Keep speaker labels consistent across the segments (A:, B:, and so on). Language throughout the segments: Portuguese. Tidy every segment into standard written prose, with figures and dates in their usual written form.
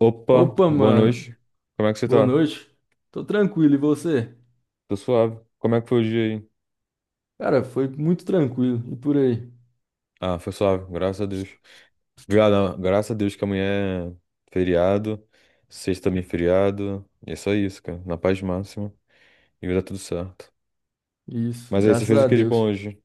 A: Opa,
B: Opa,
A: boa
B: mano.
A: noite. Como é que você
B: Boa
A: tá?
B: noite. Tô tranquilo, e você?
A: Tô suave. Como é que foi o dia aí?
B: Cara, foi muito tranquilo. E por aí?
A: Ah, foi suave, graças a Deus. Obrigado, ah, graças a Deus que amanhã é feriado, sexta também é feriado. E é só isso, cara. Na paz máxima. E vai dar tudo certo.
B: Isso,
A: Mas aí, você
B: graças
A: fez o
B: a
A: que de bom
B: Deus.
A: hoje?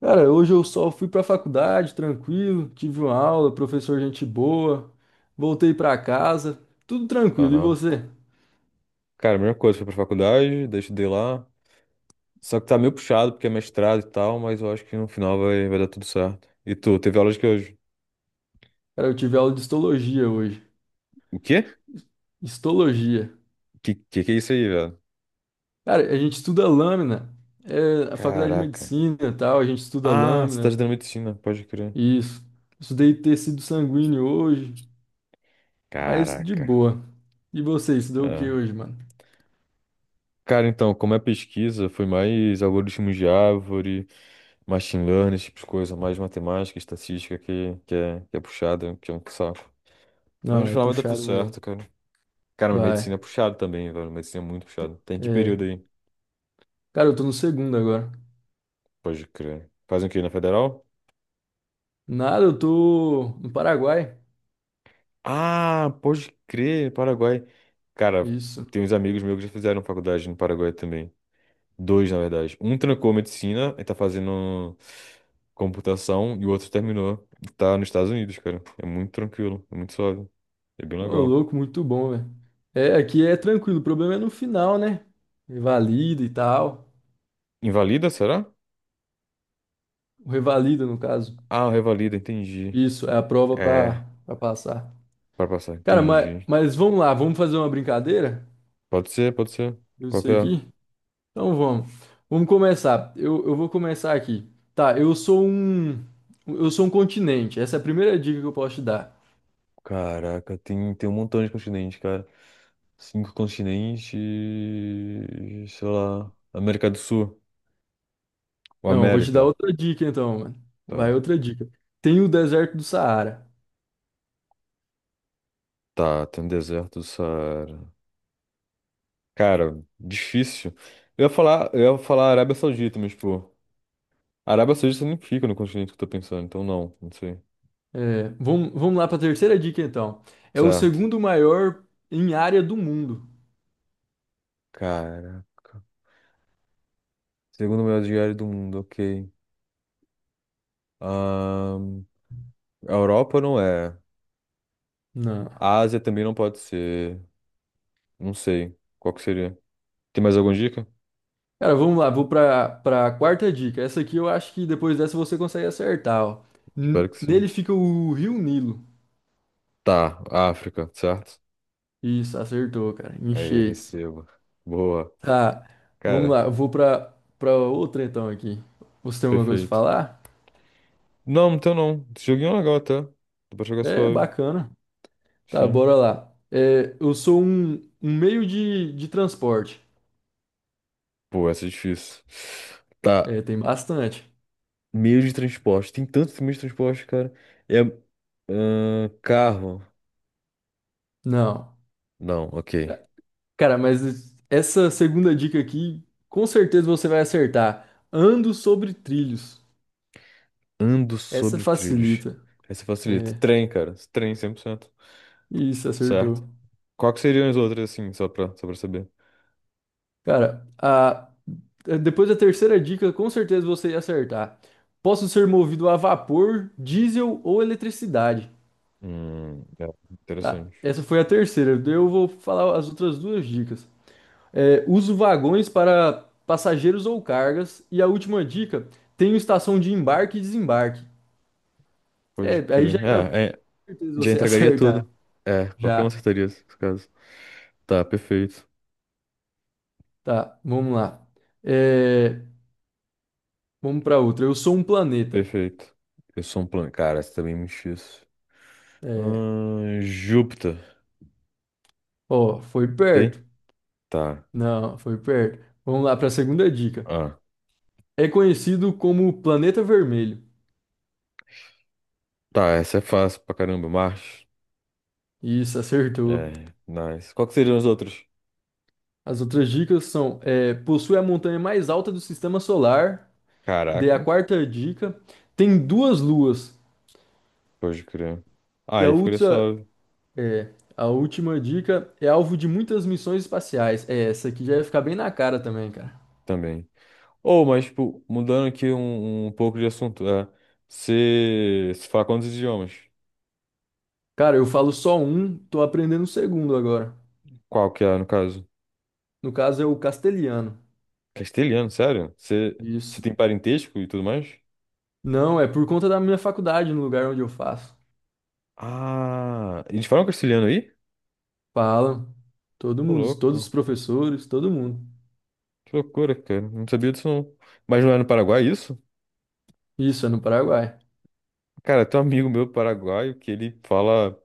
B: Cara, hoje eu só fui pra faculdade, tranquilo, tive uma aula, professor gente boa, voltei pra casa, tudo tranquilo. E
A: Aham.
B: você?
A: Cara, a mesma coisa, fui pra faculdade, daí estudei lá. Só que tá meio puxado porque é mestrado e tal, mas eu acho que no final vai dar tudo certo. E tu, teve aula de que hoje?
B: Cara, eu tive aula de histologia hoje.
A: O quê?
B: Histologia.
A: Que que é isso aí, velho?
B: Cara, a gente estuda lâmina. É, a faculdade de
A: Caraca.
B: medicina e tal, a gente estuda
A: Ah, você tá
B: lâmina.
A: estudando medicina, pode crer.
B: Isso. Estudei tecido sanguíneo hoje, mas de
A: Caraca.
B: boa. E você, estudou o que
A: É.
B: hoje, mano?
A: Cara, então, como é pesquisa, foi mais algoritmos de árvore, machine learning, esse tipo de coisa, mais matemática, estatística que é puxada, que é um saco. Mas no
B: Não, é
A: final dá tudo
B: puxado mesmo.
A: certo, cara. Cara, mas
B: Vai.
A: medicina é puxado também, velho. Medicina é muito puxado. Tem que
B: É.
A: período aí?
B: Cara, eu tô no segundo agora.
A: Pode crer. Fazem o quê? Na federal?
B: Nada, eu tô no Paraguai.
A: Ah, pode crer, Paraguai. Cara,
B: Isso.
A: tem uns amigos meus que já fizeram faculdade no Paraguai também. Dois, na verdade. Um trancou medicina e tá fazendo computação e o outro terminou. E Tá nos Estados Unidos, cara. É muito tranquilo, é muito suave. É bem
B: Ô,
A: legal.
B: louco, muito bom, velho. É, aqui é tranquilo. O problema é no final, né? Revalida e tal.
A: Invalida, será?
B: O revalida, no caso.
A: Ah, revalida, entendi.
B: Isso, é a prova
A: É,
B: pra passar.
A: pra passar,
B: Cara, mas,
A: entendi.
B: mas vamos lá, vamos fazer uma brincadeira?
A: Pode ser, pode ser.
B: Eu
A: Qual que
B: sei
A: é?
B: aqui. Então vamos. Vamos começar. Eu vou começar aqui. Tá, eu sou um. Eu sou um continente. Essa é a primeira dica que eu posso te dar.
A: Caraca, tem um montão de continentes, cara. Cinco continentes, sei lá. América do Sul. O
B: Não, eu vou te dar
A: América.
B: outra dica então, mano. Vai
A: Tá.
B: outra dica. Tem o deserto do Saara.
A: Tá, tem um deserto do Saara. Cara, difícil. Eu ia falar Arábia Saudita, mas, pô, Arábia Saudita não fica no continente que eu tô pensando, então não, não sei.
B: É, vamos lá para a terceira dica então. É o
A: Certo.
B: segundo maior em área do mundo.
A: Caraca. Segundo maior diário do mundo, ok. Ahn, a Europa não é.
B: Não.
A: A Ásia também não pode ser. Não sei. Qual que seria? Tem mais alguma dica?
B: Cara, vamos lá, vou para a quarta dica. Essa aqui eu acho que depois dessa você consegue acertar, ó.
A: Espero que
B: Nele
A: sim.
B: fica o Rio Nilo.
A: Tá, África, certo?
B: Isso, acertou, cara.
A: Aí,
B: Enchei.
A: recebo. Boa.
B: Tá, vamos
A: Cara,
B: lá. Eu vou pra outra então aqui. Você tem alguma coisa pra
A: perfeito.
B: falar?
A: Não, então não. Esse joguinho é legal até. Dá pra jogar
B: É,
A: suave.
B: bacana. Tá,
A: Sim.
B: bora lá. É, eu sou um, um meio de transporte.
A: Pô, essa é difícil. Tá,
B: É, tem bastante.
A: meio de transporte. Tem tantos meios de transporte, cara. É. Carro.
B: Não.
A: Não, ok.
B: Cara, mas essa segunda dica aqui, com certeza você vai acertar. Ando sobre trilhos.
A: Ando
B: Essa
A: sobre trilhos.
B: facilita.
A: Essa facilita.
B: É,
A: Trem, cara. Trem 100%.
B: isso,
A: Certo?
B: acertou.
A: Qual que seriam as outras, assim, só pra saber?
B: Cara, a, Depois da terceira dica, com certeza você ia acertar. Posso ser movido a vapor, diesel ou eletricidade.
A: É,
B: Tá,
A: interessante.
B: essa foi a terceira. Daí eu vou falar as outras duas dicas. É, uso vagões para passageiros ou cargas. E a última dica, tenho estação de embarque e desembarque.
A: Pode
B: É, aí já
A: crer.
B: é com
A: É, é,
B: certeza
A: já
B: você ia
A: entregaria
B: acertar.
A: tudo. É, qualquer um
B: Já.
A: acertaria nesse caso. Tá, perfeito.
B: Tá, vamos lá. É, vamos para outra. Eu sou um planeta.
A: Perfeito. Eu sou um plano. Cara, essa também é muito difícil.
B: É,
A: Júpiter.
B: ó, foi perto.
A: Tá.
B: Não, foi perto. Vamos lá para a segunda dica.
A: Ah.
B: É conhecido como Planeta Vermelho.
A: Tá, essa é fácil pra caramba, Marte.
B: Isso, acertou.
A: É, nice. Qual que seriam os outros?
B: As outras dicas são: é, possui a montanha mais alta do sistema solar. E daí a
A: Caraca,
B: quarta dica: tem duas luas.
A: pode crer. Ah,
B: E a
A: aí ficaria
B: outra,
A: suave
B: é, a última dica é alvo de muitas missões espaciais. É, essa aqui já ia ficar bem na cara também, cara.
A: também. Ou, mas, tipo, mudando aqui um pouco de assunto. É, você fala quantos idiomas?
B: Cara, eu falo só um, tô aprendendo o segundo agora.
A: Qual que é, no caso?
B: No caso é o castelhano.
A: Castelhano, sério? Você
B: Isso.
A: tem parentesco e tudo mais?
B: Não, é por conta da minha faculdade, no lugar onde eu faço.
A: Ah, eles falam castelhano aí?
B: Falam. Todo
A: Ô,
B: mundo, todos os
A: louco.
B: professores, todo mundo.
A: Que loucura, cara. Não sabia disso, não. Mas não é no Paraguai é isso?
B: Isso, é no Paraguai.
A: Cara, tem um amigo meu paraguaio que ele fala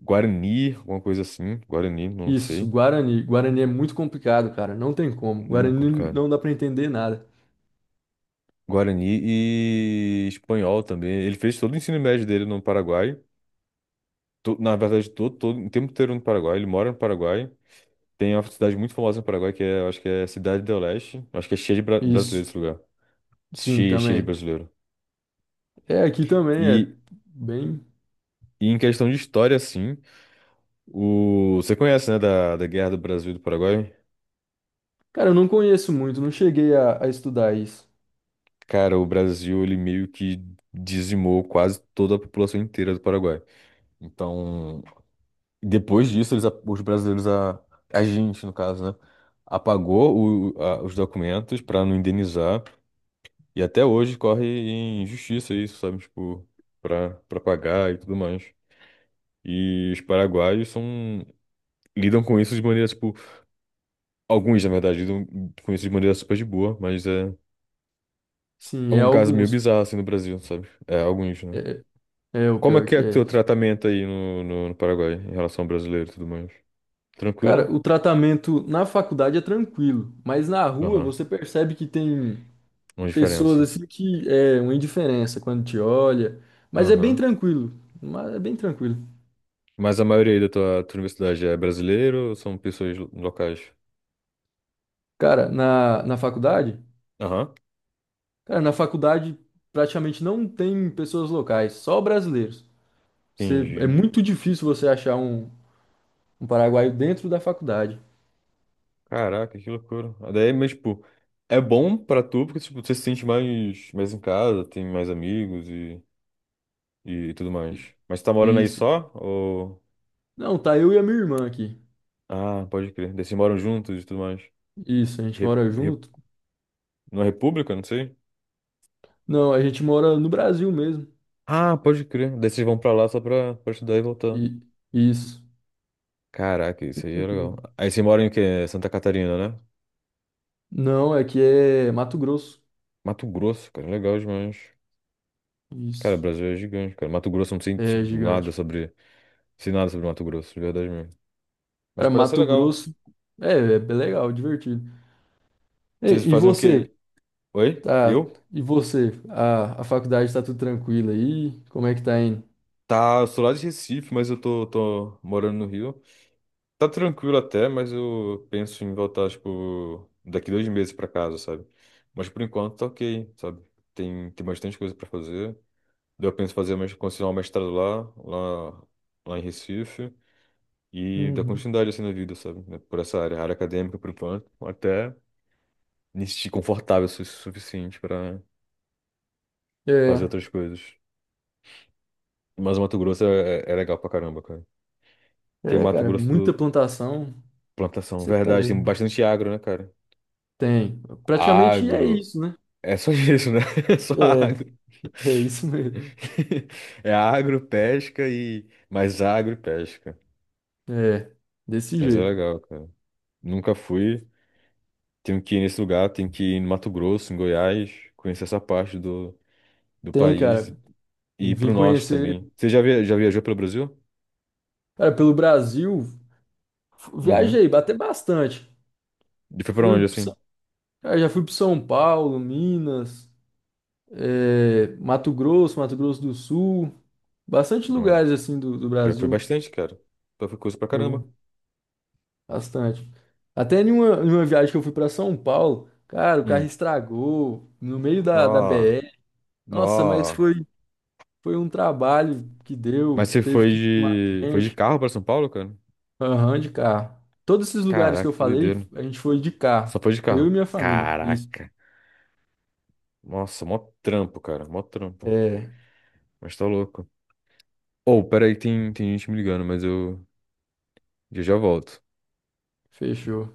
A: Guarani, alguma coisa assim. Guarani, não
B: Isso,
A: sei.
B: Guarani. Guarani é muito complicado, cara. Não tem como.
A: Muito
B: Guarani
A: complicado.
B: não dá pra entender nada.
A: Guarani e espanhol também. Ele fez todo o ensino médio dele no Paraguai. Na verdade, todo o tempo inteiro no Paraguai. Ele mora no Paraguai. Tem uma cidade muito famosa no Paraguai que é, eu acho que é Cidade do Leste. Acho que é cheia de
B: Isso.
A: brasileiros esse lugar.
B: Sim,
A: Cheia, cheia de
B: também.
A: brasileiro.
B: É, aqui também é
A: E,
B: bem.
A: e em questão de história, assim, você conhece, né, da Guerra do Brasil e do Paraguai?
B: Cara, eu não conheço muito, não cheguei a estudar isso.
A: Cara, o Brasil, ele meio que dizimou quase toda a população inteira do Paraguai. Então, depois disso, eles, os brasileiros, a gente, no caso, né, apagou os documentos pra não indenizar. E até hoje corre em justiça isso, sabe? Tipo, pra pagar e tudo mais. E os paraguaios são, lidam com isso de maneira, tipo, alguns, na verdade, lidam com isso de maneira super de boa, mas é
B: Sim, é
A: um caso meio
B: alguns.
A: bizarro, assim, no Brasil, sabe? É, alguns, né?
B: É, é o
A: Como é
B: pior
A: que é
B: que
A: o teu
B: é.
A: tratamento aí no Paraguai, em relação ao brasileiro e tudo mais?
B: Cara,
A: Tranquilo?
B: o tratamento na faculdade é tranquilo, mas na rua
A: Aham.
B: você percebe que tem
A: Uma
B: pessoas
A: diferença.
B: assim que é uma indiferença quando te olha, mas é bem
A: Aham.
B: tranquilo, mas é bem tranquilo.
A: Mas a maioria aí da tua universidade é brasileiro ou são pessoas locais?
B: Cara,
A: Aham.
B: na faculdade praticamente não tem pessoas locais, só brasileiros. Você, é
A: Entendi.
B: muito difícil você achar um, um paraguaio dentro da faculdade.
A: Caraca, que loucura. Daí, mas, tipo, é bom pra tu porque, tipo, você se sente mais em casa, tem mais amigos e tudo mais.
B: I-
A: Mas tu tá morando aí
B: Isso.
A: só? Ou.
B: Não, tá eu e a minha irmã aqui.
A: Ah, pode crer. Daí vocês moram juntos e tudo mais.
B: Isso, a gente
A: Re,
B: mora
A: re,
B: junto?
A: Numa república, não sei.
B: Não, a gente mora no Brasil mesmo.
A: Ah, pode crer. Daí vocês vão pra lá só pra estudar e voltar.
B: E isso.
A: Caraca,
B: Bem
A: isso aí é legal.
B: tranquilo.
A: Aí você mora em quê? Santa Catarina, né?
B: Não, é que é Mato Grosso.
A: Mato Grosso, cara, legal demais. Cara, o
B: Isso.
A: Brasil é gigante, cara. Mato Grosso eu não sei,
B: É
A: tipo, nada
B: gigante.
A: sobre. Sei nada sobre Mato Grosso, de verdade mesmo. Mas
B: Cara,
A: parece ser
B: Mato
A: legal.
B: Grosso é, é bem legal, divertido.
A: Vocês
B: E, e
A: fazem o quê?
B: você,
A: Aí? Oi?
B: tá?
A: Eu?
B: E você, a faculdade tá tudo tranquilo aí? Como é que tá indo?
A: Tá, eu sou lá de Recife, mas eu tô morando no Rio. Tá tranquilo até, mas eu penso em voltar, tipo, daqui 2 meses pra casa, sabe? Mas por enquanto tá ok, sabe? Tem bastante coisa pra fazer. Daí eu penso em fazer, continuar o mestrado lá em Recife, e dar
B: Uhum.
A: continuidade assim na vida, sabe? Né, Por essa área, área acadêmica, por enquanto, até me sentir confortável o suficiente para fazer
B: É,
A: outras coisas. Mas o Mato Grosso é legal pra caramba, cara. Tem Mato
B: cara, muita
A: Grosso
B: plantação.
A: plantação,
B: Você tá
A: verdade, tem
B: doido.
A: bastante agro, né, cara?
B: Tem. Praticamente é
A: Agro,
B: isso, né?
A: é só isso, né? É só agro.
B: É, é isso mesmo.
A: É agro, pesca e mais agro e pesca.
B: É, desse
A: Mas é
B: jeito.
A: legal, cara. Nunca fui. Tenho que ir nesse lugar, tenho que ir no Mato Grosso, em Goiás, conhecer essa parte do
B: Tem,
A: país
B: cara.
A: e ir
B: Vim
A: pro norte
B: conhecer,
A: também. Você já viajou pelo Brasil?
B: cara, pelo Brasil.
A: Uhum.
B: Viajei, até bastante.
A: E foi pra
B: Fui,
A: onde,
B: pro
A: assim?
B: São- cara, já fui para São Paulo, Minas. É, Mato Grosso, Mato Grosso do Sul, bastante
A: Ah,
B: lugares assim do, do
A: pior que foi
B: Brasil,
A: bastante, cara. Então foi coisa pra
B: vou-
A: caramba.
B: bastante. Até em uma viagem que eu fui para São Paulo, cara, o carro
A: Hum.
B: estragou no meio da, da
A: Nó,
B: BR. Nossa, mas
A: nó.
B: foi, foi um trabalho que deu,
A: Mas você
B: teve
A: foi
B: que chamar
A: de
B: gente,
A: carro pra São Paulo, cara?
B: aham, de carro. Todos esses lugares que eu
A: Caraca, que
B: falei,
A: doideira.
B: a gente foi de carro.
A: Só foi de
B: Foi eu e
A: carro.
B: minha família. Isso.
A: Caraca. Nossa, mó trampo, cara. Mó trampo.
B: É,
A: Mas tá louco. Ô, peraí, tem gente me ligando, mas eu já já volto.
B: fechou.